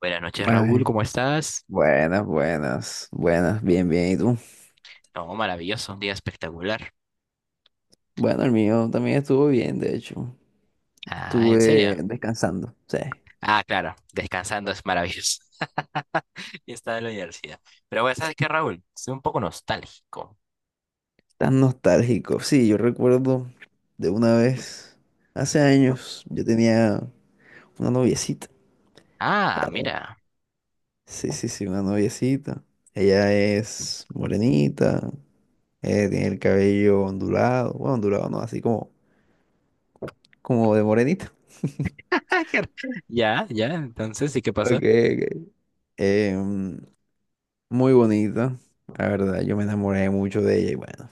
Buenas noches, Raúl, Ay, ¿cómo estás? buenas, buenas, buenas, bien, bien. ¿Y tú? No, maravilloso, un día espectacular. Bueno, el mío también estuvo bien, de hecho. Ah, ¿en Estuve serio? descansando, sí. Ah, claro, descansando es maravilloso. Y está en la universidad. Pero bueno, ¿sabes qué, Raúl? Soy un poco nostálgico. Tan nostálgico. Sí, yo recuerdo de una vez, hace años, yo tenía una noviecita. Ah, Era- mira. Sí, sí, sí, una noviecita. Ella es morenita, tiene el cabello ondulado, bueno, ondulado no, así como, como de morenita. qué r- Ya, ya, entonces, ¿y qué Ok, pasa? ok. Em, Muy bonita, la verdad, yo me enamoré mucho de ella y bueno,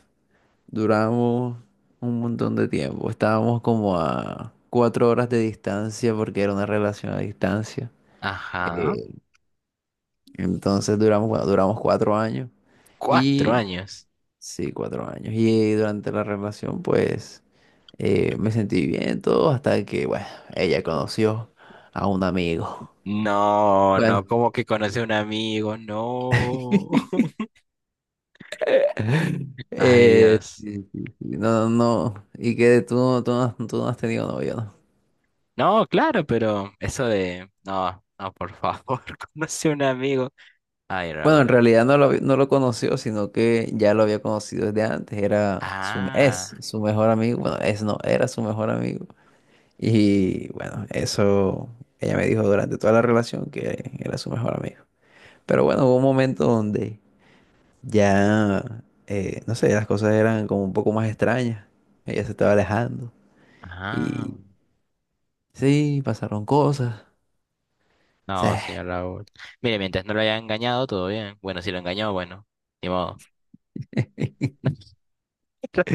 duramos un montón de tiempo, estábamos como a 4 horas de distancia porque era una relación a distancia. Ajá, Eh, entonces duramos, bueno, duramos 4 años cuatro y años. sí, 4 años, y durante la relación pues me sentí bien todo hasta que, bueno, ella conoció a un amigo, No, no, bueno, ¿como que conoce a un amigo? No. Ay, Dios. sí, sí, sí, no, no, y que tú, tú no has tenido novio, ¿no? No, claro, pero eso de... No, no, por favor, conoce a un amigo. Ay, Bueno, Raúl. en realidad no lo, no lo conoció, sino que ya lo había conocido desde antes, era su, Ah, es su mejor amigo, bueno, es no, era su mejor amigo. Y bueno, eso ella me dijo durante toda la relación que era su mejor amigo. Pero bueno, hubo un momento donde ya, no sé, las cosas eran como un poco más extrañas, ella se estaba alejando ah. y sí, pasaron cosas. No, señor Raúl. Mire, mientras no lo haya engañado, todo bien. Bueno, si lo engañó, bueno, ni modo.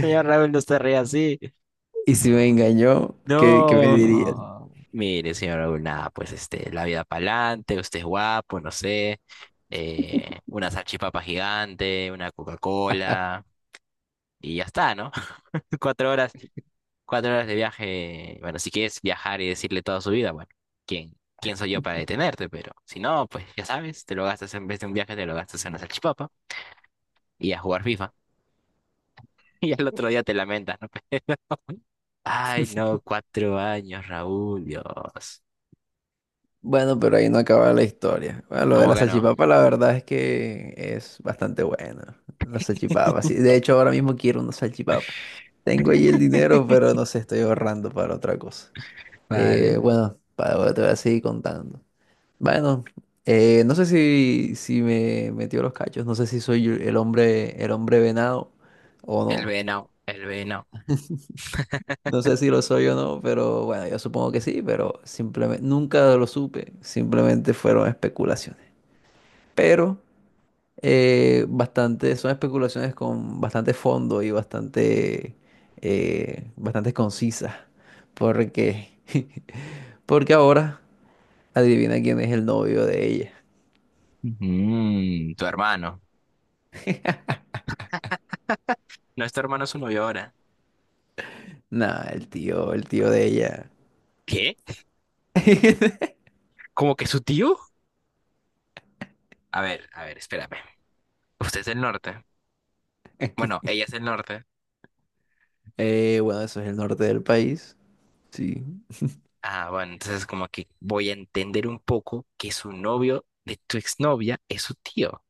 Señor Raúl, no se ríe así. Y si me engañó, ¿qué me No. dirías? No. Mire, señor Raúl, nada, pues este, la vida para adelante, usted es guapo, no sé. Una salchipapa gigante, una Coca-Cola, y ya está, ¿no? 4 horas. 4 horas de viaje, bueno, si quieres viajar y decirle toda su vida, bueno, ¿quién soy yo para detenerte? Pero si no, pues ya sabes, te lo gastas en vez de un viaje, te lo gastas en la salchipapa y a jugar FIFA. Y al otro día te lamentas, ¿no? Ay, no, 4 años, Raúl, Dios. Bueno, pero ahí no acaba la historia. Bueno, lo de ¿Cómo la ganó? salchipapa, la verdad es que es bastante buena. La salchipapa, sí. De hecho, ahora mismo quiero una salchipapa. Tengo ahí el dinero, pero no sé, estoy ahorrando para otra cosa. Vale. Bueno, para ahora te voy a seguir contando. Bueno, no sé si, si me metió los cachos, no sé si soy yo el hombre venado o no. El venao No sé si lo soy o no, pero bueno, yo supongo que sí, pero simplemente nunca lo supe, simplemente fueron especulaciones. Pero bastante, son especulaciones con bastante fondo y bastante, bastante concisas, porque, porque ahora adivina quién es el novio de ella. Mm, tu hermano. No es tu hermano, es su novio ahora. Nah, el tío de ella. ¿Qué? ¿Cómo que su tío? A ver, espérame. Usted es del norte. Bueno, ella es del norte. Bueno, eso es el norte del país, sí. Ah, bueno, entonces como que voy a entender un poco que su novio de tu exnovia es su tío.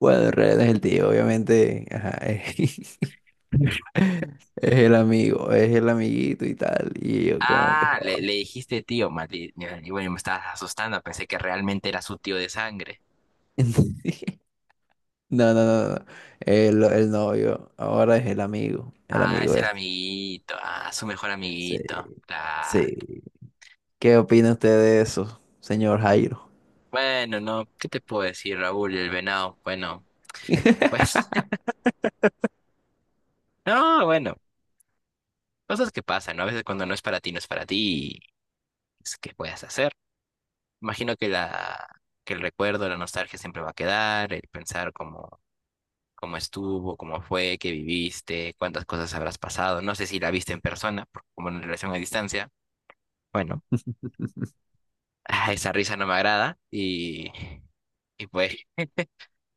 Bueno, en realidad es el tío, obviamente. Ajá, eh. Es el amigo, es el amiguito y tal. Y yo como que... Ah, le, joda. le dijiste tío, Mati. Y bueno, me estabas asustando, pensé que realmente era su tío de sangre. No, no, no, no. El novio. Ahora es el amigo. El Ah, amigo es el es. amiguito, ah, su mejor Sí, amiguito. Claro. sí. ¿Qué opina usted de eso, señor Jairo? Bueno, no, ¿qué te puedo decir, Raúl, el venado? Bueno, pues, no, bueno, cosas que pasan, ¿no? A veces cuando no es para ti, no es para ti, y es que puedes hacer. Imagino que el recuerdo, la nostalgia siempre va a quedar, el pensar como cómo estuvo, cómo fue, qué viviste, cuántas cosas habrás pasado. No sé si la viste en persona, porque como en relación a distancia. Bueno, ah, esa risa no me agrada y pues,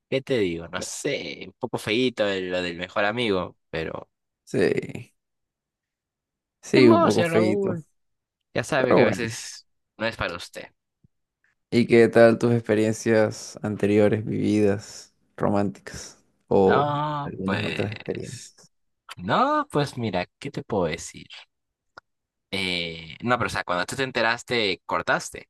¿qué te digo? No sé, un poco feíto lo del mejor amigo, pero Sí, ni sí, un modo, poco señor feito. Raúl. Ya sabe Pero que a bueno. veces no es para usted. ¿Y qué tal tus experiencias anteriores, vividas, románticas? O No, algunas otras pues, experiencias. no, pues mira, ¿qué te puedo decir? No, pero o sea, cuando tú te enteraste, cortaste.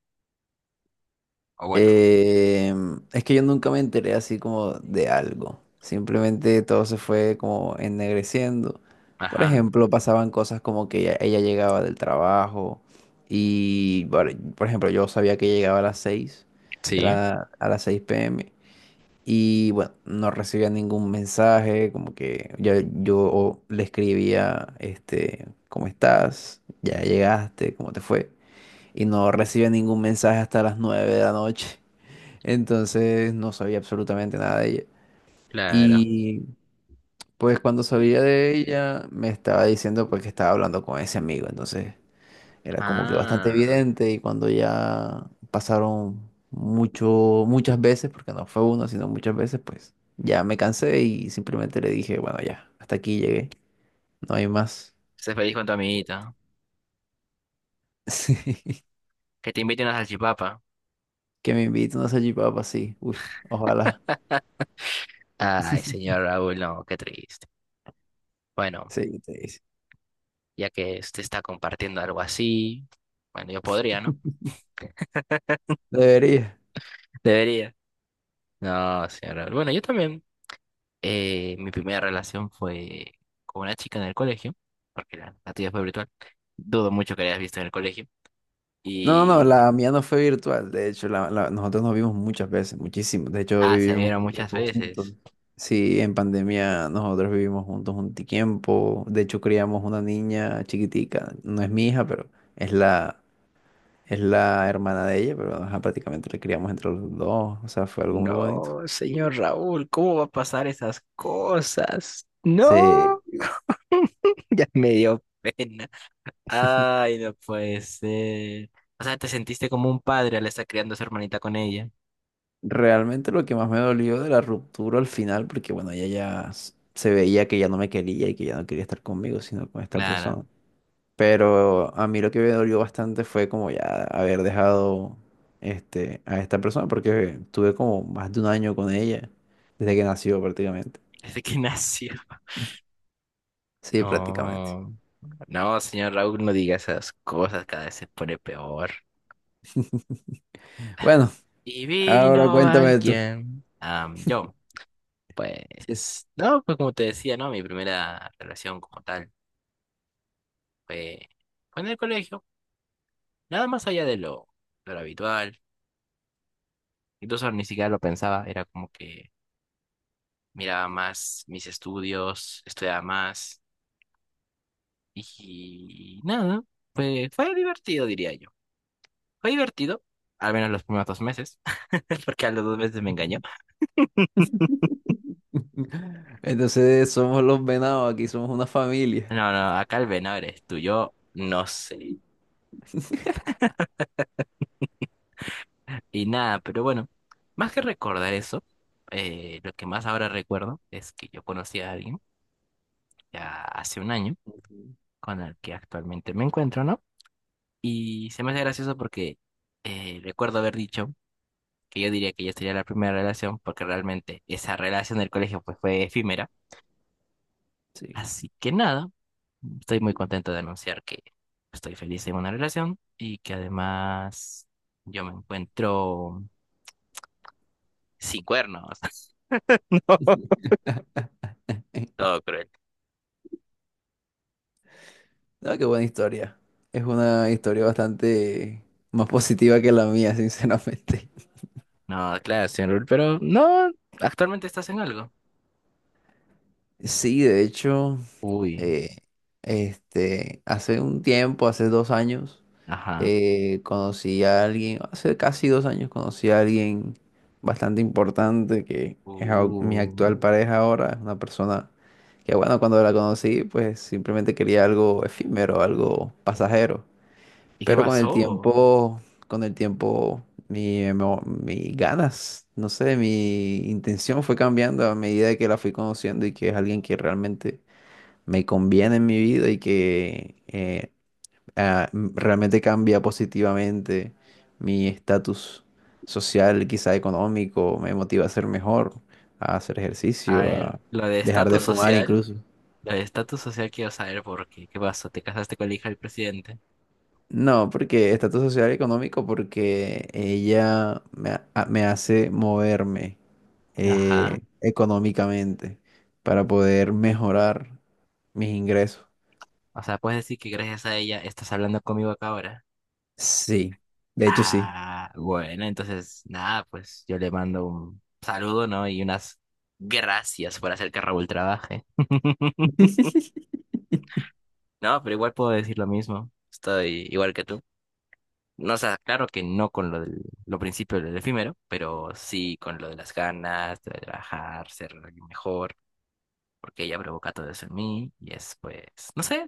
O bueno, Eh, es que yo nunca me enteré así como de algo. Simplemente todo se fue como ennegreciendo. Por ajá. ejemplo, pasaban cosas como que ella llegaba del trabajo y, por ejemplo, yo sabía que llegaba a las 6, de Sí, la, a las 6 p.m. Y bueno, no recibía ningún mensaje, como que yo le escribía, este, ¿cómo estás? ¿Ya llegaste? ¿Cómo te fue? Y no recibía ningún mensaje hasta las 9 de la noche. Entonces no sabía absolutamente nada de ella. claro. Y pues cuando sabía de ella, me estaba diciendo pues que estaba hablando con ese amigo. Entonces era como que bastante Ah. evidente, y cuando ya pasaron mucho, muchas veces, porque no fue uno, sino muchas veces, pues ya me cansé y simplemente le dije, bueno, ya, hasta aquí llegué, no hay más. Sé feliz con tu amiguita. Sí, Que te invite una salchipapa. que me invite una salchipapa, sí. Uf, ojalá. Ay, señor Raúl, no, qué triste. Bueno, Sí, te dice. ya que usted está compartiendo algo así, bueno, yo podría, ¿no? Debería. Debería. No, señor Raúl. Bueno, yo también. Mi primera relación fue con una chica en el colegio, porque la tuya fue virtual. Dudo mucho que la hayas visto en el colegio. No, no, no, Y... la mía no fue virtual. De hecho, la, nosotros nos vimos muchas veces, muchísimo. De hecho, Ah, se vivimos vieron un muchas tiempo juntos. veces. Sí, en pandemia nosotros vivimos juntos un tiempo. De hecho, criamos una niña chiquitica. No es mi hija, pero es la, es la hermana de ella, pero ajá, prácticamente la criamos entre los dos. O sea, fue algo muy bonito. No, señor Raúl, ¿cómo va a pasar esas cosas? No, Sí, ya me dio pena. Ay, no puede ser. O sea, te sentiste como un padre al estar criando a su hermanita con ella. realmente lo que más me dolió de la ruptura al final, porque bueno, ella ya se veía que ya no me quería y que ya no quería estar conmigo, sino con esta Claro, persona. Pero a mí lo que me dolió bastante fue como ya haber dejado este, a esta persona, porque tuve como más de un año con ella, desde que nació prácticamente. desde que nació. Sí, prácticamente. No, no, señor Raúl, no diga esas cosas, cada vez se pone peor. Bueno, Y ahora vino cuéntame tú. alguien. Sí. Pues, no, pues como te decía, ¿no? Mi primera relación como tal fue, fue en el colegio, nada más allá de lo habitual. Incluso ni siquiera lo pensaba, era como que miraba más mis estudios, estudiaba más y nada, fue divertido, diría yo. Fue divertido, al menos los primeros 2 meses, porque a los 2 meses me engañó. Entonces somos los venados, aquí somos una familia. No, no, acá el venado eres tú, yo no sé. Y nada, pero bueno, más que recordar eso, lo que más ahora recuerdo es que yo conocí a alguien ya hace un año Ujú. con el que actualmente me encuentro, ¿no? Y se me hace gracioso porque recuerdo haber dicho que yo diría que ya sería la primera relación, porque realmente esa relación del colegio pues, fue efímera. Sí. Así que nada, estoy muy contento de anunciar que estoy feliz en una relación y que además yo me encuentro sin cuernos. No, todo cruel. No, qué buena historia. Es una historia bastante más positiva que la mía, sinceramente. No, claro, señor, Rul, pero no, actualmente estás en algo. Sí, de hecho. Uy, Eh, este, hace un tiempo, hace 2 años, ajá. Conocí a alguien, hace casi 2 años conocí a alguien bastante importante que es mi Uh, actual pareja ahora, es una persona que bueno, cuando la conocí, pues simplemente quería algo efímero, algo pasajero, ¿Y qué pero pasó? Con el tiempo, mi, mis ganas, no sé, mi intención fue cambiando a medida que la fui conociendo y que es alguien que realmente me conviene en mi vida y que realmente cambia positivamente mi estatus social, quizá económico, me motiva a ser mejor, a hacer A ejercicio, ver, a lo de dejar de estatus fumar social, incluso. lo de estatus social quiero saber por qué. ¿Qué pasó? ¿Te casaste con la hija del presidente? No, porque estatus social y económico, porque ella me, me hace moverme Ajá. Económicamente para poder mejorar mis ingresos. O sea, puedes decir que gracias a ella estás hablando conmigo acá ahora. Sí, de hecho sí. Ah, bueno, entonces, nada, pues yo le mando un saludo, ¿no? Y unas gracias por hacer que Raúl trabaje. No, pero igual puedo decir lo mismo. Estoy igual que tú. No, o sea, claro que no con lo del lo principio del efímero, pero sí con lo de las ganas de trabajar, ser alguien mejor. Porque ella provoca todo eso en mí y es pues, no sé,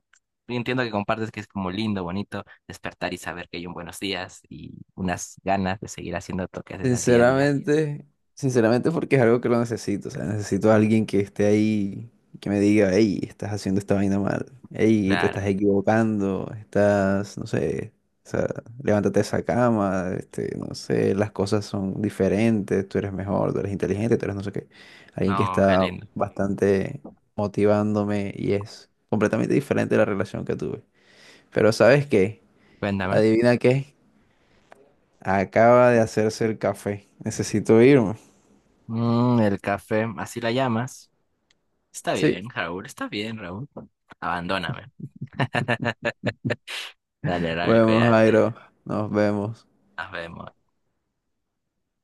entiendo que compartes que es como lindo, bonito despertar y saber que hay un buenos días y unas ganas de seguir haciendo toques que al día a día. Sinceramente, sinceramente porque es algo que lo necesito, o sea, necesito a alguien que esté ahí, que me diga, hey, estás haciendo esta vaina mal, hey, te Claro, estás equivocando, estás, no sé, o sea, levántate de esa cama, este, no sé, las cosas son diferentes, tú eres mejor, tú eres inteligente, tú eres no sé qué. Alguien que no, qué está lindo. bastante motivándome y es completamente diferente de la relación que tuve. Pero ¿sabes qué? Cuéntame. ¿Adivina qué? Acaba de hacerse el café. Necesito irme. Mm, el café, así la llamas. Está Sí, bien, Raúl, está bien, Raúl. Abandóname. Dale, Raúl, bueno, cuídate. Jairo, nos vemos. Nos vemos.